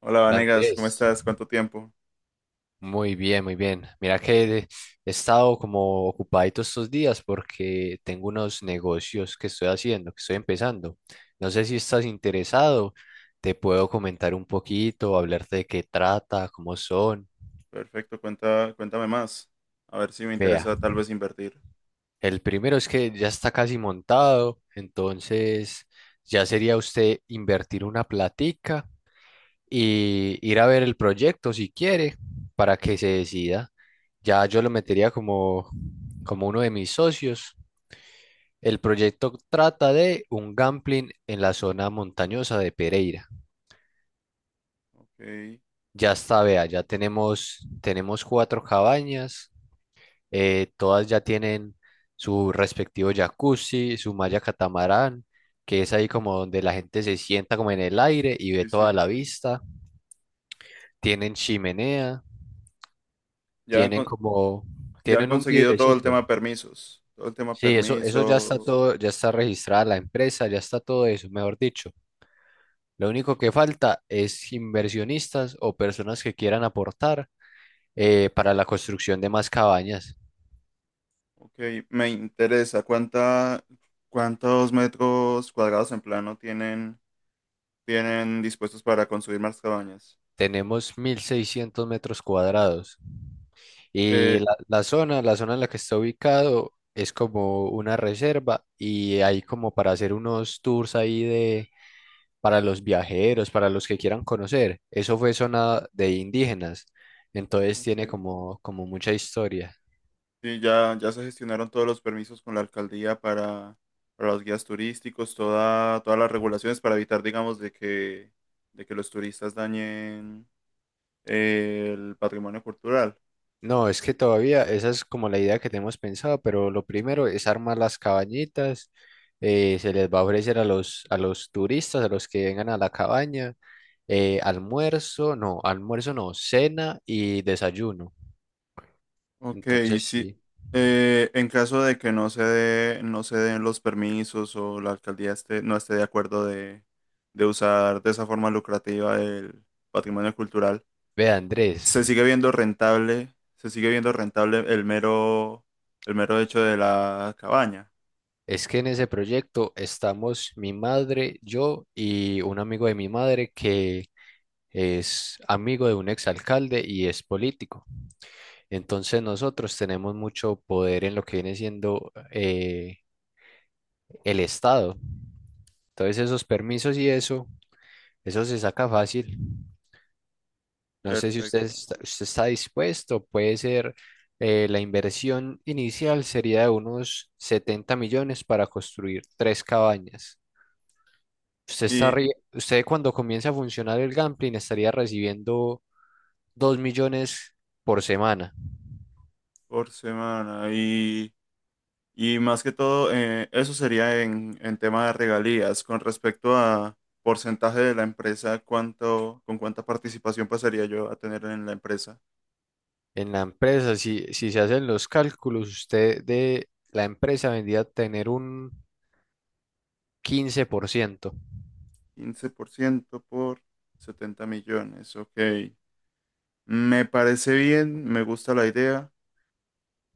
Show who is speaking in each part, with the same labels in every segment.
Speaker 1: Hola
Speaker 2: Hola
Speaker 1: Vanegas, ¿cómo
Speaker 2: Andrés,
Speaker 1: estás? ¿Cuánto tiempo?
Speaker 2: muy bien, muy bien. Mira que he estado como ocupadito estos días porque tengo unos negocios que estoy haciendo, que estoy empezando. No sé si estás interesado, te puedo comentar un poquito, hablarte de qué trata, cómo son.
Speaker 1: Perfecto, cuenta, cuéntame más. A ver si me
Speaker 2: Vea,
Speaker 1: interesa tal vez invertir.
Speaker 2: el primero es que ya está casi montado, entonces ya sería usted invertir una platica y ir a ver el proyecto si quiere para que se decida. Ya yo lo metería como uno de mis socios. El proyecto trata de un gambling en la zona montañosa de Pereira.
Speaker 1: Ok,
Speaker 2: Ya está, vea, ya tenemos cuatro cabañas, todas ya tienen su respectivo jacuzzi, su malla catamarán, que es ahí como donde la gente se sienta como en el aire y ve
Speaker 1: sí,
Speaker 2: toda
Speaker 1: sí.
Speaker 2: la vista. Tienen chimenea.
Speaker 1: Ya han,
Speaker 2: Tienen
Speaker 1: con-
Speaker 2: como,
Speaker 1: ya han
Speaker 2: tienen un
Speaker 1: conseguido todo el
Speaker 2: vidrecito.
Speaker 1: tema permisos. Todo el tema
Speaker 2: Sí, eso ya está
Speaker 1: permisos.
Speaker 2: todo, ya está registrada la empresa, ya está todo eso, mejor dicho. Lo único que falta es inversionistas o personas que quieran aportar, para la construcción de más cabañas.
Speaker 1: Ok, me interesa. ¿ Cuántos metros cuadrados en plano tienen, tienen dispuestos para construir más cabañas?
Speaker 2: Tenemos 1.600 metros cuadrados y
Speaker 1: Eh,
Speaker 2: la zona en la que está ubicado es como una reserva y hay como para hacer unos tours ahí de para los viajeros, para los que quieran conocer. Eso fue zona de indígenas, entonces
Speaker 1: ok.
Speaker 2: tiene como mucha historia.
Speaker 1: Sí, ya, ya se gestionaron todos los permisos con la alcaldía para los guías turísticos, todas las regulaciones para evitar, digamos, de que los turistas dañen el patrimonio cultural.
Speaker 2: No, es que todavía esa es como la idea que tenemos pensado, pero lo primero es armar las cabañitas. Se les va a ofrecer a los turistas, a los que vengan a la cabaña, almuerzo no, cena y desayuno.
Speaker 1: Ok, y
Speaker 2: Entonces,
Speaker 1: sí.
Speaker 2: sí.
Speaker 1: Eh, en caso de que no se den los permisos o la alcaldía no esté de acuerdo de usar de esa forma lucrativa el patrimonio cultural,
Speaker 2: Ve, Andrés,
Speaker 1: se sigue viendo rentable, se sigue viendo rentable el mero hecho de la cabaña.
Speaker 2: es que en ese proyecto estamos mi madre, yo y un amigo de mi madre que es amigo de un exalcalde y es político. Entonces nosotros tenemos mucho poder en lo que viene siendo, el Estado. Entonces esos permisos y eso se saca fácil. No sé si usted
Speaker 1: Perfecto.
Speaker 2: está, usted está dispuesto, puede ser, la inversión inicial sería de unos 70 millones para construir tres cabañas.
Speaker 1: Y
Speaker 2: Usted, cuando comience a funcionar el gambling, estaría recibiendo 2 millones por semana
Speaker 1: por semana. Y más que todo, eso sería en tema de regalías. Con respecto a porcentaje de la empresa, ¿ con cuánta participación pasaría yo a tener en la empresa?
Speaker 2: en la empresa. Si se hacen los cálculos, usted de la empresa vendría a tener un 15%.
Speaker 1: 15% por 70 millones. Ok. Me parece bien, me gusta la idea.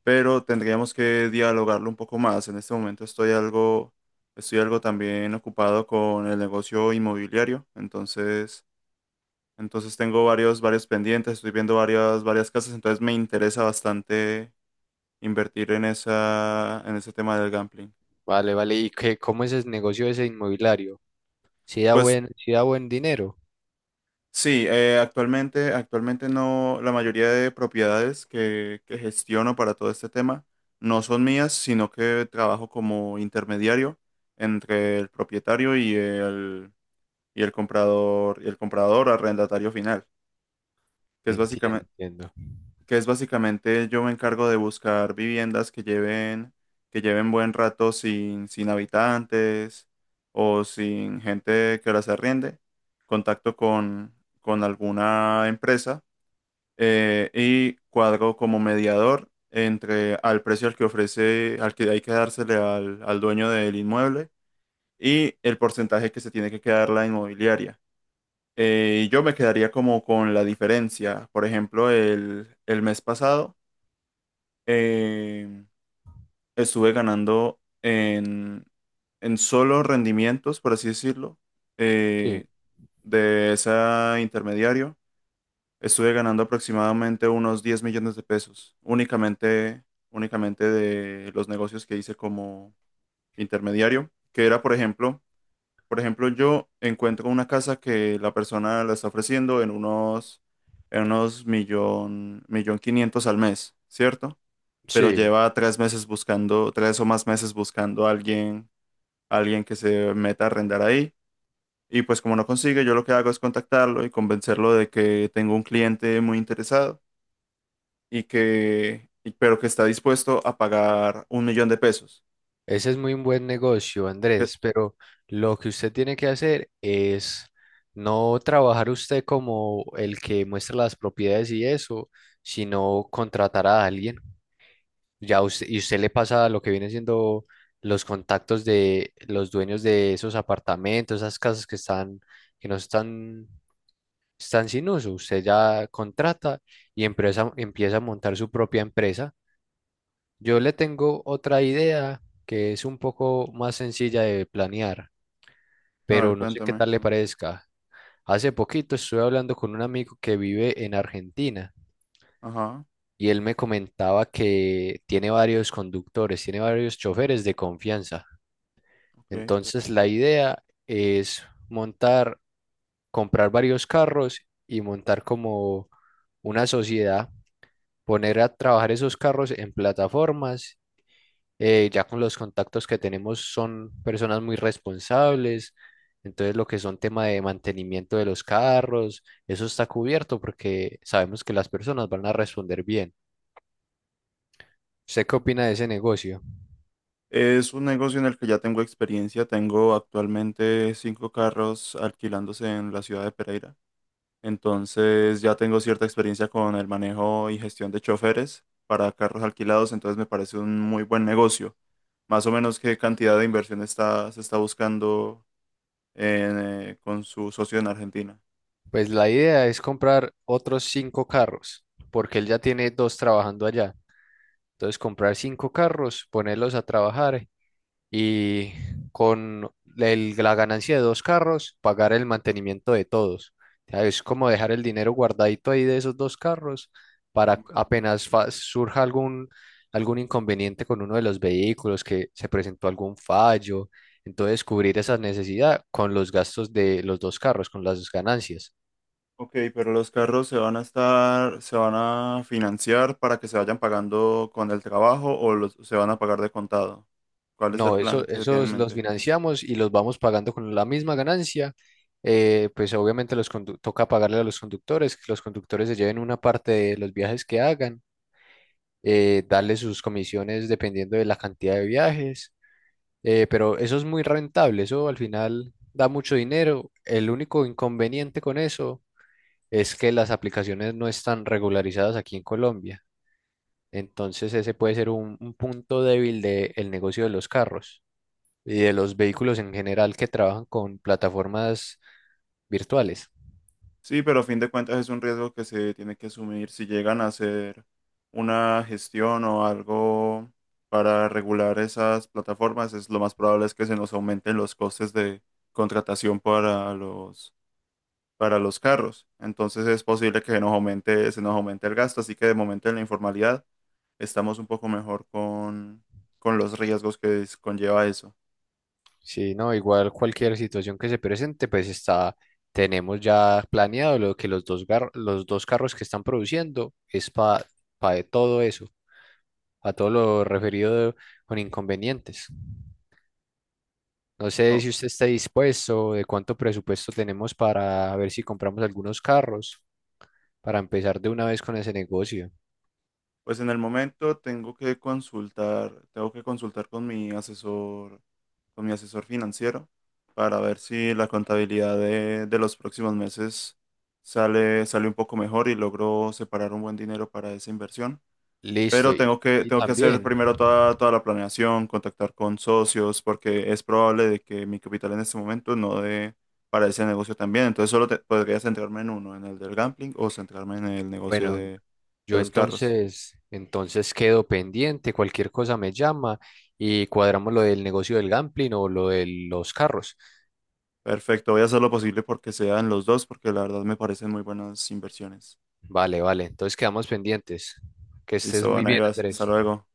Speaker 1: Pero tendríamos que dialogarlo un poco más. En este momento estoy algo también ocupado con el negocio inmobiliario, entonces, entonces tengo varios, varios pendientes, estoy viendo varias, varias casas, entonces me interesa bastante invertir en esa, en ese tema del gambling.
Speaker 2: Vale, vale. ¿Y qué, cómo es el negocio ese inmobiliario? Si da
Speaker 1: Pues
Speaker 2: buen, si da buen dinero.
Speaker 1: sí, actualmente, actualmente no, la mayoría de propiedades que gestiono para todo este tema no son mías, sino que trabajo como intermediario entre el propietario y el comprador arrendatario final, que es
Speaker 2: Entiendo,
Speaker 1: básicamente,
Speaker 2: entiendo.
Speaker 1: que es básicamente yo me encargo de buscar viviendas que lleven buen rato sin habitantes o sin gente que las arriende, contacto con, con alguna empresa y cuadro como mediador entre al precio al que ofrece, al que hay que dársele al dueño del inmueble y el porcentaje que se tiene que quedar la inmobiliaria. Yo me quedaría como con la diferencia. Por ejemplo, el mes pasado eh, estuve ganando en solo rendimientos, por así decirlo,
Speaker 2: Sí,
Speaker 1: eh, de ese intermediario. Estuve ganando aproximadamente unos 10 millones de pesos, únicamente, únicamente de los negocios que hice como intermediario, que era, por ejemplo, yo encuentro una casa que la persona la está ofreciendo en unos millón, millón quinientos al mes, ¿cierto? Pero
Speaker 2: sí.
Speaker 1: lleva tres meses buscando, tres o más meses buscando a alguien que se meta a arrendar ahí. Y pues como no consigue, yo lo que hago es contactarlo y convencerlo de que tengo un cliente muy interesado y pero que está dispuesto a pagar un millón de pesos.
Speaker 2: Ese es muy un buen negocio,
Speaker 1: ¿Qué?
Speaker 2: Andrés, pero lo que usted tiene que hacer es no trabajar usted como el que muestra las propiedades y eso, sino contratar a alguien. Ya usted, y usted le pasa lo que viene siendo los contactos de los dueños de esos apartamentos, esas casas que están, que no están, están sin uso. Usted ya contrata y empieza a montar su propia empresa. Yo le tengo otra idea que es un poco más sencilla de planear,
Speaker 1: A
Speaker 2: pero
Speaker 1: ver,
Speaker 2: no sé qué
Speaker 1: cuéntame.
Speaker 2: tal le parezca. Hace poquito estuve hablando con un amigo que vive en Argentina
Speaker 1: Ajá,
Speaker 2: y él me comentaba que tiene varios conductores, tiene varios choferes de confianza.
Speaker 1: ok,
Speaker 2: Entonces la idea es montar, comprar varios carros y montar como una sociedad, poner a trabajar esos carros en plataformas. Ya con los contactos que tenemos son personas muy responsables, entonces lo que son tema de mantenimiento de los carros, eso está cubierto porque sabemos que las personas van a responder bien. ¿Usted qué
Speaker 1: ok.
Speaker 2: opina de ese negocio?
Speaker 1: Es un negocio en el que ya tengo experiencia. Tengo actualmente 5 carros alquilándose en la ciudad de Pereira. Entonces ya tengo cierta experiencia con el manejo y gestión de choferes para carros alquilados. Entonces me parece un muy buen negocio. Más o menos qué cantidad de inversión se está buscando en, con su socio en Argentina.
Speaker 2: Pues la idea es comprar otros cinco carros, porque él ya tiene dos trabajando allá. Entonces comprar cinco carros, ponerlos a trabajar y con la ganancia de dos carros, pagar el mantenimiento de todos. O sea, es como dejar el dinero guardadito ahí de esos dos carros para apenas surja algún inconveniente con uno de los vehículos, que se presentó algún fallo. Entonces, cubrir esa necesidad con los gastos de los dos carros, con las ganancias.
Speaker 1: Ok, pero los carros se van a financiar para que se vayan pagando con el trabajo o se van a pagar de contado. ¿Cuál es el
Speaker 2: No,
Speaker 1: plan
Speaker 2: eso,
Speaker 1: que se tiene en
Speaker 2: esos los
Speaker 1: mente?
Speaker 2: financiamos y los vamos pagando con la misma ganancia. Pues obviamente toca pagarle a los conductores, que los conductores se lleven una parte de los viajes que hagan, darle sus comisiones dependiendo de la cantidad de viajes. Pero eso es muy rentable, eso al final da mucho dinero. El único inconveniente con eso es que las aplicaciones no están regularizadas aquí en Colombia. Entonces ese puede ser un punto débil del negocio de los carros y de los vehículos en general que trabajan con plataformas virtuales.
Speaker 1: Sí, pero a fin de cuentas es un riesgo que se tiene que asumir. Si llegan a hacer una gestión o algo para regular esas plataformas, es lo más probable, es que se nos aumenten los costes de contratación para los carros. Entonces es posible que se nos aumente el gasto, así que de momento en la informalidad estamos un poco mejor con los riesgos que conlleva eso.
Speaker 2: Sí, no, igual cualquier situación que se presente, pues está, tenemos ya planeado lo que los dos carros que están produciendo es para todo eso, a todo lo referido con inconvenientes. No sé
Speaker 1: No,
Speaker 2: si usted está dispuesto, de cuánto presupuesto tenemos para ver si compramos algunos carros, para empezar de una vez con ese negocio.
Speaker 1: pues en el momento tengo que consultar con mi asesor financiero para ver si la contabilidad de los próximos meses sale, sale un poco mejor y logro separar un buen dinero para esa inversión.
Speaker 2: Listo,
Speaker 1: Pero
Speaker 2: y, y
Speaker 1: tengo que hacer
Speaker 2: también,
Speaker 1: primero toda, toda la planeación, contactar con socios, porque es probable de que mi capital en este momento no dé para ese negocio también. Podría centrarme en uno, en el del gambling o centrarme en el negocio
Speaker 2: bueno,
Speaker 1: de
Speaker 2: yo
Speaker 1: los carros.
Speaker 2: entonces quedo pendiente, cualquier cosa me llama y cuadramos lo del negocio del gambling o lo de los carros.
Speaker 1: Perfecto, voy a hacer lo posible porque sean los dos, porque la verdad me parecen muy buenas inversiones.
Speaker 2: Vale, vale, entonces quedamos pendientes. Que estés
Speaker 1: Listo,
Speaker 2: muy bien,
Speaker 1: Vanegas, hasta
Speaker 2: Andrés.
Speaker 1: luego.